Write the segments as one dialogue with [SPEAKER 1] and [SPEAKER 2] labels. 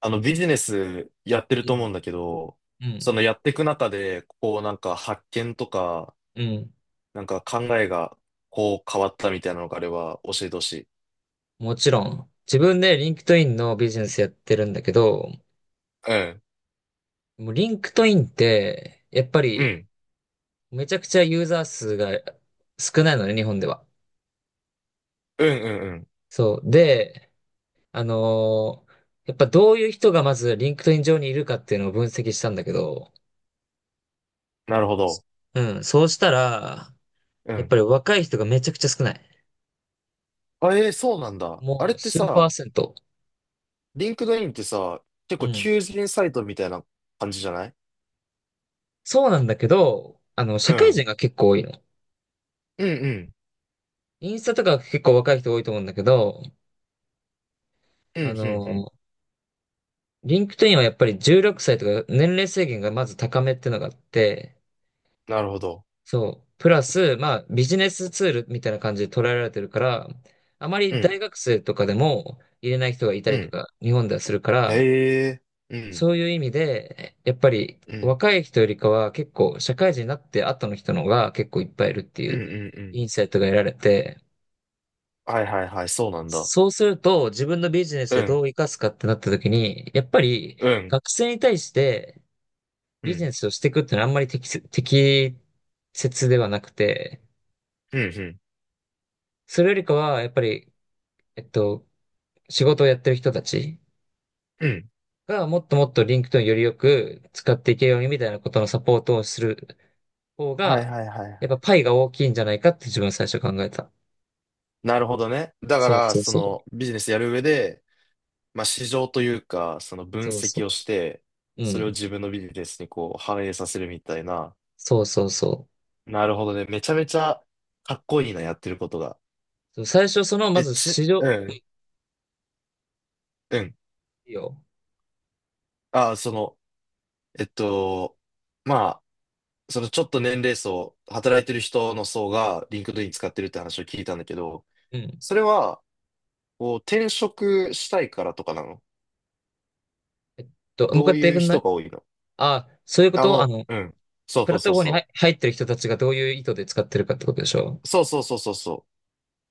[SPEAKER 1] ビジネスやってると思うんだ
[SPEAKER 2] う
[SPEAKER 1] けど、そ
[SPEAKER 2] ん。
[SPEAKER 1] のやっていく中で、発見とか、
[SPEAKER 2] うん。
[SPEAKER 1] 考えが変わったみたいなのがあれば教えてほしい。
[SPEAKER 2] もちろん。自分でリンクトインのビジネスやってるんだけど、
[SPEAKER 1] うん。
[SPEAKER 2] もうリンクトインって、やっぱ
[SPEAKER 1] う
[SPEAKER 2] り
[SPEAKER 1] ん。
[SPEAKER 2] めちゃくちゃユーザー数が少ないのね、日本では。
[SPEAKER 1] うんうんうん。
[SPEAKER 2] そう。で、あのーやっぱどういう人がまずリンクトイン上にいるかっていうのを分析したんだけど、
[SPEAKER 1] なるほど。
[SPEAKER 2] うん。そうしたら、
[SPEAKER 1] う
[SPEAKER 2] やっぱ
[SPEAKER 1] ん。
[SPEAKER 2] り若い人がめちゃくちゃ少ない。
[SPEAKER 1] あ、えーそうなんだ。あ
[SPEAKER 2] も
[SPEAKER 1] れっ
[SPEAKER 2] う
[SPEAKER 1] て
[SPEAKER 2] 数パー
[SPEAKER 1] さ、
[SPEAKER 2] セント。
[SPEAKER 1] リンクドインってさ、結
[SPEAKER 2] う
[SPEAKER 1] 構
[SPEAKER 2] ん。
[SPEAKER 1] 求人サイトみたいな感じじゃない？
[SPEAKER 2] そうなんだけど、社
[SPEAKER 1] う
[SPEAKER 2] 会
[SPEAKER 1] ん。
[SPEAKER 2] 人が結構多いの。
[SPEAKER 1] うんうん。
[SPEAKER 2] インスタとか結構若い人多いと思うんだけど、
[SPEAKER 1] う
[SPEAKER 2] あ
[SPEAKER 1] んうんうん。
[SPEAKER 2] の、リンクトインはやっぱり16歳とか年齢制限がまず高めってのがあって、
[SPEAKER 1] なるほど。
[SPEAKER 2] そう。プラス、まあビジネスツールみたいな感じで捉えられてるから、あま
[SPEAKER 1] う
[SPEAKER 2] り
[SPEAKER 1] ん。
[SPEAKER 2] 大学生とかでも入れない人がいた
[SPEAKER 1] う
[SPEAKER 2] りと
[SPEAKER 1] ん。
[SPEAKER 2] か、日本ではするから、
[SPEAKER 1] へえ。うん。
[SPEAKER 2] そういう意味で、やっぱり
[SPEAKER 1] うん。
[SPEAKER 2] 若い人よりかは結構社会人になって後の人の方が結構いっぱいいるってい
[SPEAKER 1] うん
[SPEAKER 2] う
[SPEAKER 1] うんうん。
[SPEAKER 2] インサイトが得られて、
[SPEAKER 1] はいはいはい、そうなんだ。
[SPEAKER 2] そうすると、自分のビジネス
[SPEAKER 1] う
[SPEAKER 2] で
[SPEAKER 1] ん。
[SPEAKER 2] どう生かすかってなった時に、やっぱり
[SPEAKER 1] うん。
[SPEAKER 2] 学生に対して
[SPEAKER 1] う
[SPEAKER 2] ビジ
[SPEAKER 1] ん。
[SPEAKER 2] ネスをしていくってのはあんまり適切ではなくて、
[SPEAKER 1] うん。うん。
[SPEAKER 2] それよりかは、やっぱり、えっと、仕事をやってる人たち
[SPEAKER 1] うん。
[SPEAKER 2] がもっともっとリンクト i よりよく使っていけるようにみたいなことのサポートをする方
[SPEAKER 1] はい
[SPEAKER 2] が、
[SPEAKER 1] はいはい
[SPEAKER 2] やっ
[SPEAKER 1] は
[SPEAKER 2] ぱ
[SPEAKER 1] い。
[SPEAKER 2] パイが大きいんじゃないかって自分最初考えた。
[SPEAKER 1] なるほどね。だか
[SPEAKER 2] そう
[SPEAKER 1] ら、
[SPEAKER 2] そう
[SPEAKER 1] そ
[SPEAKER 2] そう。
[SPEAKER 1] のビジネスやる上で、市場というか、その分
[SPEAKER 2] そう
[SPEAKER 1] 析
[SPEAKER 2] そ
[SPEAKER 1] をして、
[SPEAKER 2] う。う
[SPEAKER 1] それを
[SPEAKER 2] ん。
[SPEAKER 1] 自分のビジネスに反映させるみたいな。
[SPEAKER 2] そうそうそ
[SPEAKER 1] なるほどね。めちゃめちゃかっこいいな、やってることが。
[SPEAKER 2] う。最初その、ま
[SPEAKER 1] え、
[SPEAKER 2] ず
[SPEAKER 1] ち、
[SPEAKER 2] 市場、
[SPEAKER 1] うん、うん。
[SPEAKER 2] いいよ。
[SPEAKER 1] あ、その、えっと、まあ、そのちょっと年齢層、働いてる人の層がリンクドイン使ってるって話を聞いたんだけど、
[SPEAKER 2] うん。
[SPEAKER 1] それは、こう転職したいからとかなの？
[SPEAKER 2] えっもう一
[SPEAKER 1] ど
[SPEAKER 2] 回や
[SPEAKER 1] う
[SPEAKER 2] って
[SPEAKER 1] いう
[SPEAKER 2] くんな
[SPEAKER 1] 人
[SPEAKER 2] い？
[SPEAKER 1] が多いの？
[SPEAKER 2] あ、そういうこ
[SPEAKER 1] あ
[SPEAKER 2] と。
[SPEAKER 1] の、うん。そう
[SPEAKER 2] プ
[SPEAKER 1] そ
[SPEAKER 2] ラ
[SPEAKER 1] う
[SPEAKER 2] ット
[SPEAKER 1] そう
[SPEAKER 2] フォームに入
[SPEAKER 1] そ
[SPEAKER 2] 入ってる人たちがどういう意図で使ってるかってことでしょ？
[SPEAKER 1] う。そうそうそうそうそ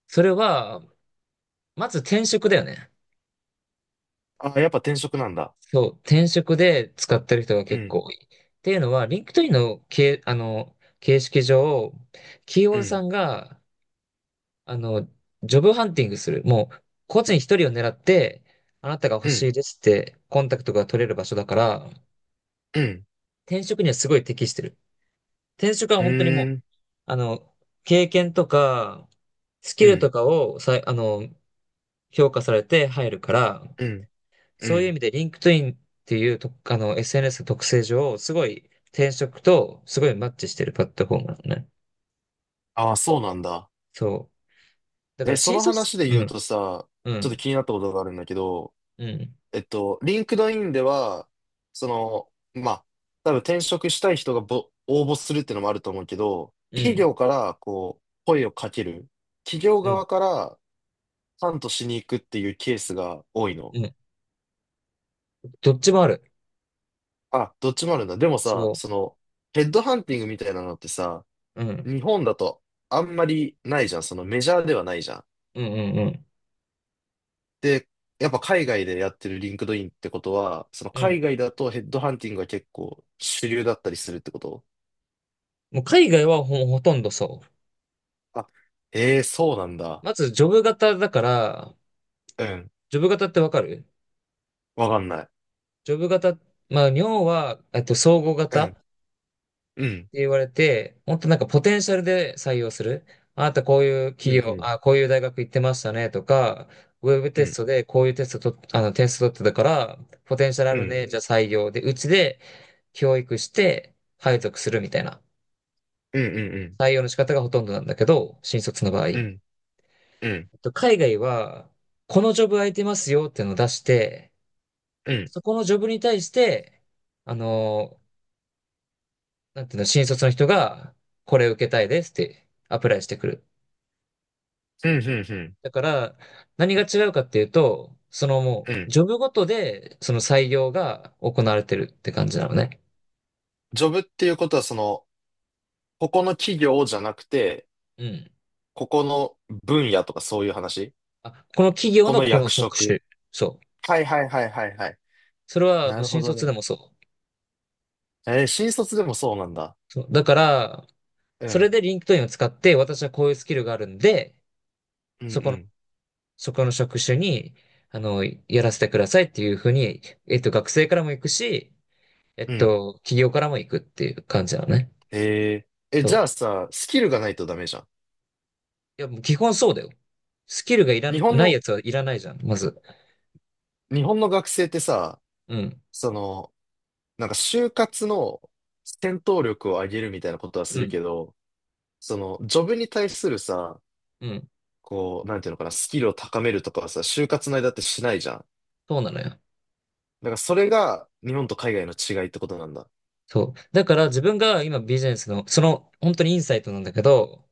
[SPEAKER 2] それは、まず転職だよね。
[SPEAKER 1] う。あ、やっぱ転職なんだ。
[SPEAKER 2] そう、転職で使ってる人が
[SPEAKER 1] う
[SPEAKER 2] 結
[SPEAKER 1] ん、
[SPEAKER 2] 構多い。っていうのは、リンクトインの形、あの、形式上、企
[SPEAKER 1] う
[SPEAKER 2] 業
[SPEAKER 1] ん、
[SPEAKER 2] さんが、あの、ジョブハンティングする。もう、個人一人を狙って、あなたが欲
[SPEAKER 1] う
[SPEAKER 2] し
[SPEAKER 1] ん、
[SPEAKER 2] いですって、コンタクトが取れる場所だから、
[SPEAKER 1] うん、
[SPEAKER 2] 転職にはすごい適してる。転職は
[SPEAKER 1] う
[SPEAKER 2] 本当にも
[SPEAKER 1] ー
[SPEAKER 2] う
[SPEAKER 1] ん、
[SPEAKER 2] あの、経験とか、ス
[SPEAKER 1] う
[SPEAKER 2] キルと
[SPEAKER 1] ん、
[SPEAKER 2] かをさい、あの、評価されて入るから、
[SPEAKER 1] うん、う
[SPEAKER 2] そういう意
[SPEAKER 1] ん。
[SPEAKER 2] 味で、リンクトインっていうと、SNS の特性上、すごい転職とすごいマッチしてるプラットフォームなのね。
[SPEAKER 1] あ、そうなんだ。
[SPEAKER 2] そう。だか
[SPEAKER 1] え、
[SPEAKER 2] ら、
[SPEAKER 1] そ
[SPEAKER 2] 新
[SPEAKER 1] の
[SPEAKER 2] 卒、
[SPEAKER 1] 話で
[SPEAKER 2] う
[SPEAKER 1] 言う
[SPEAKER 2] ん、
[SPEAKER 1] とさ、
[SPEAKER 2] う
[SPEAKER 1] ちょっと
[SPEAKER 2] ん、
[SPEAKER 1] 気になったことがあるんだけど、
[SPEAKER 2] うん、
[SPEAKER 1] リンクドインでは、その、多分転職したい人が応募するっていうのもあると思うけど、
[SPEAKER 2] う
[SPEAKER 1] 企
[SPEAKER 2] ん、
[SPEAKER 1] 業からこう、声をかける。企業
[SPEAKER 2] うん、
[SPEAKER 1] 側からハントしに行くっていうケースが多いの？
[SPEAKER 2] うん。どっちもある。
[SPEAKER 1] あ、どっちもあるんだ。でもさ、
[SPEAKER 2] そ
[SPEAKER 1] その、ヘッドハンティングみたいなのってさ、
[SPEAKER 2] う。うん、
[SPEAKER 1] 日本だとあんまりないじゃん。そのメジャーではないじゃん。
[SPEAKER 2] うん、うん、うん。
[SPEAKER 1] で、やっぱ海外でやってるリンクドインってことは、その
[SPEAKER 2] うん。
[SPEAKER 1] 海外だとヘッドハンティングが結構主流だったりするってこと？
[SPEAKER 2] もう海外はほとんどそう。
[SPEAKER 1] あ、ええーそうなんだ。
[SPEAKER 2] まず、ジョブ型だから、
[SPEAKER 1] うん。
[SPEAKER 2] ジョブ型ってわかる？
[SPEAKER 1] わかんない。
[SPEAKER 2] ジョブ型、まあ、尿は、総合
[SPEAKER 1] う
[SPEAKER 2] 型っ
[SPEAKER 1] ん。
[SPEAKER 2] て
[SPEAKER 1] うん。
[SPEAKER 2] 言われて、もっとなんかポテンシャルで採用する。あなたこういう
[SPEAKER 1] うん。
[SPEAKER 2] 企業、
[SPEAKER 1] うん。
[SPEAKER 2] あ、こういう大学行ってましたねとか、ウェブ
[SPEAKER 1] う
[SPEAKER 2] テス
[SPEAKER 1] ん。
[SPEAKER 2] トでこういうテストと、テスト取ってたから、ポテンシャルあ
[SPEAKER 1] う
[SPEAKER 2] る
[SPEAKER 1] ん。
[SPEAKER 2] ね、じゃあ採用で、うちで教育して、配属するみたいな。
[SPEAKER 1] うん。
[SPEAKER 2] 採用の仕方がほとんどなんだけど、新卒の場合。
[SPEAKER 1] うん。うん。うん。
[SPEAKER 2] 海外は、このジョブ空いてますよっていうのを出して、
[SPEAKER 1] うん。うん。
[SPEAKER 2] そこのジョブに対して、あのなんていうの、新卒の人が、これ受けたいですってアプライしてくる。
[SPEAKER 1] うん。
[SPEAKER 2] だから、何が違うかっていうと、その
[SPEAKER 1] う
[SPEAKER 2] もう、
[SPEAKER 1] ん。
[SPEAKER 2] ジョブごとで、その採用が行われてるって感じなのね。
[SPEAKER 1] ジョブっていうことは、その、ここの企業じゃなくて、
[SPEAKER 2] うん。
[SPEAKER 1] ここの分野とかそういう話？
[SPEAKER 2] あ、この企業
[SPEAKER 1] こ
[SPEAKER 2] の
[SPEAKER 1] の
[SPEAKER 2] この
[SPEAKER 1] 役
[SPEAKER 2] 職
[SPEAKER 1] 職。
[SPEAKER 2] 種。そう。
[SPEAKER 1] はいはいはいはいはい。
[SPEAKER 2] それは
[SPEAKER 1] な
[SPEAKER 2] もう
[SPEAKER 1] るほ
[SPEAKER 2] 新
[SPEAKER 1] ど
[SPEAKER 2] 卒で
[SPEAKER 1] ね。
[SPEAKER 2] もそう。
[SPEAKER 1] えー新卒でもそうなんだ。
[SPEAKER 2] そう。だから、
[SPEAKER 1] う
[SPEAKER 2] そ
[SPEAKER 1] ん。
[SPEAKER 2] れでリンクトインを使って、私はこういうスキルがあるんで、
[SPEAKER 1] う
[SPEAKER 2] そこの、
[SPEAKER 1] ん
[SPEAKER 2] そこの職種に、やらせてくださいっていうふうに、学生からも行くし、
[SPEAKER 1] うん。うん。
[SPEAKER 2] 企業からも行くっていう感じなのね。
[SPEAKER 1] えー、え、
[SPEAKER 2] そ
[SPEAKER 1] じ
[SPEAKER 2] う。
[SPEAKER 1] ゃあさ、スキルがないとダメじゃん。
[SPEAKER 2] いや、もう基本そうだよ。スキルがいら
[SPEAKER 1] 日本
[SPEAKER 2] ない
[SPEAKER 1] の、
[SPEAKER 2] やつはいらないじゃん、まず。
[SPEAKER 1] 日本の学生ってさ、
[SPEAKER 2] うん、
[SPEAKER 1] その、就活の戦闘力を上げるみたいなことはす
[SPEAKER 2] う
[SPEAKER 1] る
[SPEAKER 2] ん、
[SPEAKER 1] けど、その、ジョブに対するさ、
[SPEAKER 2] うん。
[SPEAKER 1] こう、なんていうのかな、スキルを高めるとかはさ、就活の間ってしないじゃん。だ
[SPEAKER 2] そうなのよ。
[SPEAKER 1] からそれが日本と海外の違いってことなんだ。
[SPEAKER 2] そう。だから自分が今ビジネスの、本当にインサイトなんだけど、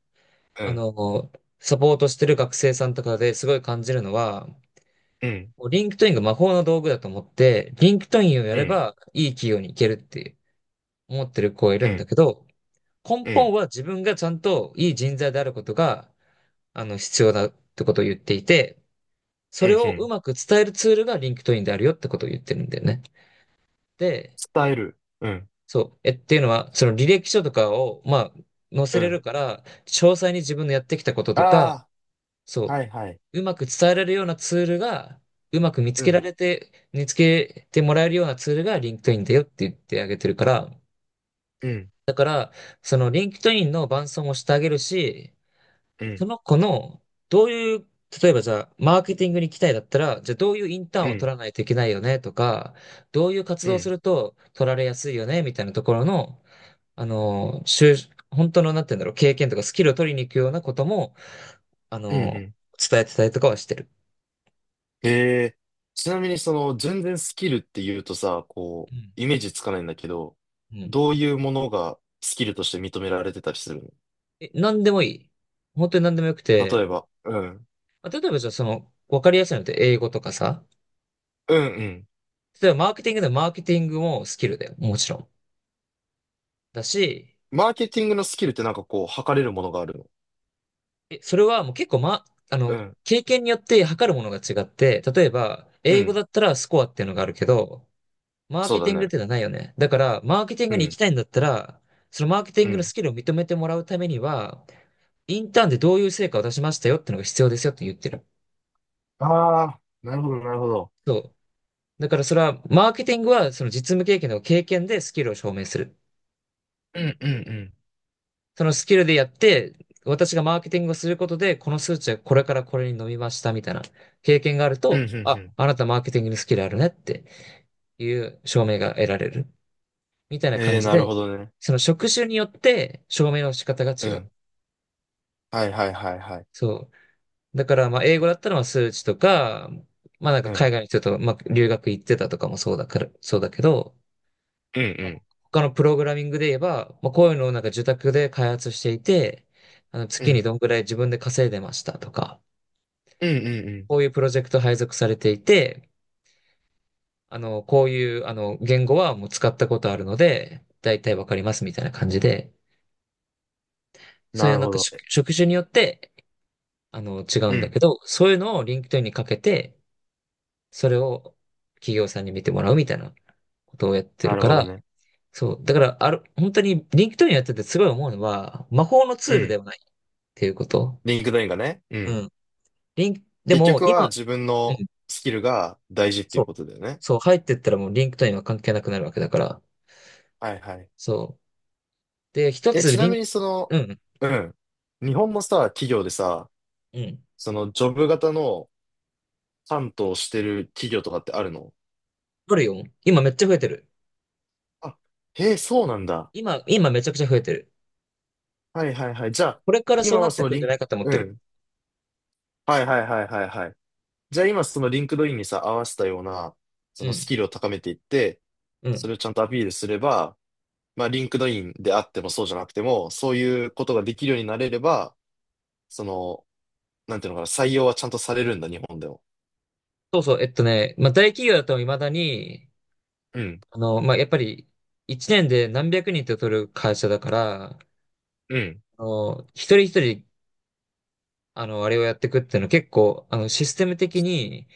[SPEAKER 1] う
[SPEAKER 2] あ
[SPEAKER 1] ん。
[SPEAKER 2] の、サポートしてる学生さんとかですごい感じるのは、
[SPEAKER 1] うん
[SPEAKER 2] もうリンクトインが魔法の道具だと思って、リンクトインをや
[SPEAKER 1] う
[SPEAKER 2] れ
[SPEAKER 1] ん、
[SPEAKER 2] ばいい企業に行けるって思ってる子がいる
[SPEAKER 1] う
[SPEAKER 2] んだ
[SPEAKER 1] ん、
[SPEAKER 2] けど、根
[SPEAKER 1] う
[SPEAKER 2] 本
[SPEAKER 1] ん、
[SPEAKER 2] は自分がちゃんといい人材であることが、必要だってことを言っていて、そ
[SPEAKER 1] うん、
[SPEAKER 2] れ
[SPEAKER 1] う
[SPEAKER 2] をう
[SPEAKER 1] ん。
[SPEAKER 2] まく伝えるツールが LinkedIn であるよってことを言ってるんだよね。で、
[SPEAKER 1] 伝える。うん、
[SPEAKER 2] そう。っていうのは、その履歴書とかを、まあ、載せ
[SPEAKER 1] う
[SPEAKER 2] れ
[SPEAKER 1] ん。
[SPEAKER 2] るから、詳細に自分のやってきたこととか、
[SPEAKER 1] あ
[SPEAKER 2] そ
[SPEAKER 1] あ、はい、はい。
[SPEAKER 2] う。うまく伝えられるようなツールが、うまく見つ
[SPEAKER 1] う
[SPEAKER 2] けら
[SPEAKER 1] ん、
[SPEAKER 2] れて、見つけてもらえるようなツールが LinkedIn だよって言ってあげてるから、
[SPEAKER 1] うん、
[SPEAKER 2] だから、その LinkedIn の伴走もしてあげるし、
[SPEAKER 1] う
[SPEAKER 2] そ
[SPEAKER 1] ん、
[SPEAKER 2] の子の、どういう、例えばじゃあ、マーケティングに行きたいだったら、じゃあどういうインター
[SPEAKER 1] う
[SPEAKER 2] ンを取
[SPEAKER 1] ん、
[SPEAKER 2] らないといけないよねとか、どういう活
[SPEAKER 1] う
[SPEAKER 2] 動をす
[SPEAKER 1] ん、
[SPEAKER 2] ると取られやすいよねみたいなところの、あの、就本当の、なんて言うんだろう、経験とかスキルを取りに行くようなことも、あ
[SPEAKER 1] うん、う
[SPEAKER 2] の、
[SPEAKER 1] ん。
[SPEAKER 2] 伝えてたりとかはしてる。
[SPEAKER 1] へえ、ちなみにその、全然スキルって言うとさ、こ
[SPEAKER 2] う
[SPEAKER 1] う、
[SPEAKER 2] ん。
[SPEAKER 1] イメージつかないんだけど、
[SPEAKER 2] うん。
[SPEAKER 1] どういうものがスキルとして認められてたりするの？
[SPEAKER 2] なんでもいい。本当になんでもよく
[SPEAKER 1] 例え
[SPEAKER 2] て、
[SPEAKER 1] ば、うん、
[SPEAKER 2] あ例えばじゃあわかりやすいのって英語とかさ、
[SPEAKER 1] うん、うん。
[SPEAKER 2] 例えばマーケティングでもマーケティングもスキルだよ。もちろん。だし、
[SPEAKER 1] マーケティングのスキルってこう、測れるものがあるの？
[SPEAKER 2] それはもう結構ま、あ
[SPEAKER 1] う
[SPEAKER 2] の、
[SPEAKER 1] ん、
[SPEAKER 2] 経験によって測るものが違って、例えば、
[SPEAKER 1] う
[SPEAKER 2] 英語
[SPEAKER 1] ん、
[SPEAKER 2] だったらスコアっていうのがあるけど、マー
[SPEAKER 1] そう
[SPEAKER 2] ケ
[SPEAKER 1] だ
[SPEAKER 2] ティングっ
[SPEAKER 1] ね。
[SPEAKER 2] ていうのはないよね。だから、マーケティン
[SPEAKER 1] う
[SPEAKER 2] グに行き
[SPEAKER 1] ん、
[SPEAKER 2] たいんだったら、そのマーケティ
[SPEAKER 1] う
[SPEAKER 2] ングの
[SPEAKER 1] ん。
[SPEAKER 2] スキルを認めてもらうためには、インターンでどういう成果を出しましたよっていうのが必要ですよって言ってる。
[SPEAKER 1] ああ、なるほど、なるほど。
[SPEAKER 2] そう。だからそれは、マーケティングはその実務経験でスキルを証明する。
[SPEAKER 1] うん、うん、うん、
[SPEAKER 2] そのスキルでやって、私がマーケティングをすることで、この数値はこれからこれに伸びましたみたいな経験がある
[SPEAKER 1] うん、う
[SPEAKER 2] と、
[SPEAKER 1] ん、う
[SPEAKER 2] あ、
[SPEAKER 1] ん。
[SPEAKER 2] あなたマーケティングのスキルあるねっていう証明が得られる。みたいな
[SPEAKER 1] え
[SPEAKER 2] 感
[SPEAKER 1] えー、
[SPEAKER 2] じ
[SPEAKER 1] なる
[SPEAKER 2] で、
[SPEAKER 1] ほどね。
[SPEAKER 2] その職種によって証明の仕方が
[SPEAKER 1] う
[SPEAKER 2] 違
[SPEAKER 1] ん。
[SPEAKER 2] う。
[SPEAKER 1] はいはいはいはい。
[SPEAKER 2] そう。だから、まあ、英語だったらまあ数値とか、まあなんか
[SPEAKER 1] うん。
[SPEAKER 2] 海外の人とまあ留学行ってたとかもそうだから、そうだけど、
[SPEAKER 1] うん
[SPEAKER 2] まあ
[SPEAKER 1] う
[SPEAKER 2] 他のプログラミングで言えば、まあ、こういうのをなんか受託で開発していて、
[SPEAKER 1] ん。う
[SPEAKER 2] 月に
[SPEAKER 1] ん。
[SPEAKER 2] どんぐらい自分で稼いでましたとか、
[SPEAKER 1] うんうんう
[SPEAKER 2] こういうプロジェクト配属されていて、こういう、言語はもう使ったことあるので、だいたいわかりますみたいな感じで、
[SPEAKER 1] ん。
[SPEAKER 2] そう
[SPEAKER 1] な
[SPEAKER 2] いう
[SPEAKER 1] る
[SPEAKER 2] なん
[SPEAKER 1] ほ
[SPEAKER 2] か
[SPEAKER 1] ど。
[SPEAKER 2] 職種によって、違う
[SPEAKER 1] う
[SPEAKER 2] んだ
[SPEAKER 1] ん。
[SPEAKER 2] けど、そういうのを LinkedIn にかけて、それを企業さんに見てもらうみたいなことをやって
[SPEAKER 1] な
[SPEAKER 2] る
[SPEAKER 1] る
[SPEAKER 2] か
[SPEAKER 1] ほど
[SPEAKER 2] ら、
[SPEAKER 1] ね。
[SPEAKER 2] そう。だから、本当に LinkedIn やっててすごい思うのは、魔法のツ
[SPEAKER 1] う
[SPEAKER 2] ールで
[SPEAKER 1] ん。
[SPEAKER 2] はないっていうこと。
[SPEAKER 1] リンクドインがね。う
[SPEAKER 2] う
[SPEAKER 1] ん。
[SPEAKER 2] ん。で
[SPEAKER 1] 結
[SPEAKER 2] も
[SPEAKER 1] 局は
[SPEAKER 2] 今、
[SPEAKER 1] 自分
[SPEAKER 2] う
[SPEAKER 1] の
[SPEAKER 2] ん。
[SPEAKER 1] スキルが大事ってい
[SPEAKER 2] そ
[SPEAKER 1] う
[SPEAKER 2] う。
[SPEAKER 1] ことだよね。
[SPEAKER 2] そう、入ってったらもう LinkedIn は関係なくなるわけだから、
[SPEAKER 1] はいはい。
[SPEAKER 2] そう。で、一
[SPEAKER 1] え、
[SPEAKER 2] つ
[SPEAKER 1] ちな
[SPEAKER 2] リン、
[SPEAKER 1] みにその、
[SPEAKER 2] うん、
[SPEAKER 1] うん。日本のさ、企業でさ、
[SPEAKER 2] うん。
[SPEAKER 1] そのジョブ型の担当してる企業とかってあるの？
[SPEAKER 2] あるよ。今めっちゃ増えてる。
[SPEAKER 1] あ、へえ、そうなんだ。
[SPEAKER 2] 今めちゃくちゃ増えてる。
[SPEAKER 1] はいはいはい。じゃあ、
[SPEAKER 2] これからそ
[SPEAKER 1] 今
[SPEAKER 2] うな
[SPEAKER 1] は
[SPEAKER 2] っ
[SPEAKER 1] そ
[SPEAKER 2] て
[SPEAKER 1] の
[SPEAKER 2] くん
[SPEAKER 1] リ
[SPEAKER 2] じゃな
[SPEAKER 1] ン、
[SPEAKER 2] いかと思っ
[SPEAKER 1] う
[SPEAKER 2] てる。
[SPEAKER 1] ん。はいはいはいはいはい。じゃあ今そのリンクドインにさ、合わせたような、そ
[SPEAKER 2] う
[SPEAKER 1] のス
[SPEAKER 2] ん、
[SPEAKER 1] キルを高めていって、
[SPEAKER 2] う
[SPEAKER 1] そ
[SPEAKER 2] ん。
[SPEAKER 1] れをちゃんとアピールすれば、リンクドインであってもそうじゃなくても、そういうことができるようになれれば、その、なんていうのかな、採用はちゃんとされるんだ、日本でも。
[SPEAKER 2] そうそう、まあ、大企業だと未だに、
[SPEAKER 1] うん、
[SPEAKER 2] まあ、やっぱり、1年で何百人って取る会社だから、
[SPEAKER 1] うん、
[SPEAKER 2] 一人一人、あれをやっていくっていうのは結構、システム的に、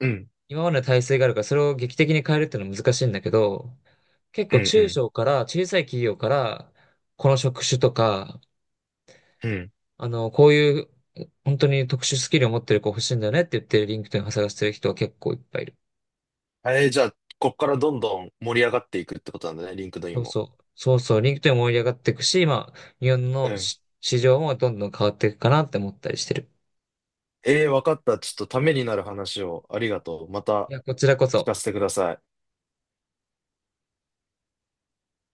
[SPEAKER 1] うん、
[SPEAKER 2] 今までの体制があるから、それを劇的に変えるっていうのは難しいんだけど、結
[SPEAKER 1] う
[SPEAKER 2] 構
[SPEAKER 1] ん、う
[SPEAKER 2] 中
[SPEAKER 1] ん、
[SPEAKER 2] 小から、小さい企業から、この職種とか、
[SPEAKER 1] うん。
[SPEAKER 2] こういう本当に特殊スキルを持ってる子欲しいんだよねって言って、リンクトインを探してる人は結構いっぱいいる。
[SPEAKER 1] えー、じゃあ、こっからどんどん盛り上がっていくってことなんだね、リンクドイ
[SPEAKER 2] そ
[SPEAKER 1] ン
[SPEAKER 2] う
[SPEAKER 1] も。
[SPEAKER 2] そう。そうそう。リンクトインも盛り上がっていくし、まあ、日本
[SPEAKER 1] う
[SPEAKER 2] の
[SPEAKER 1] ん。
[SPEAKER 2] 市場もどんどん変わっていくかなって思ったりしてる。
[SPEAKER 1] えー、わかった。ちょっとためになる話をありがとう。ま
[SPEAKER 2] い
[SPEAKER 1] た
[SPEAKER 2] や、こちらこ
[SPEAKER 1] 聞か
[SPEAKER 2] そ。
[SPEAKER 1] せてください。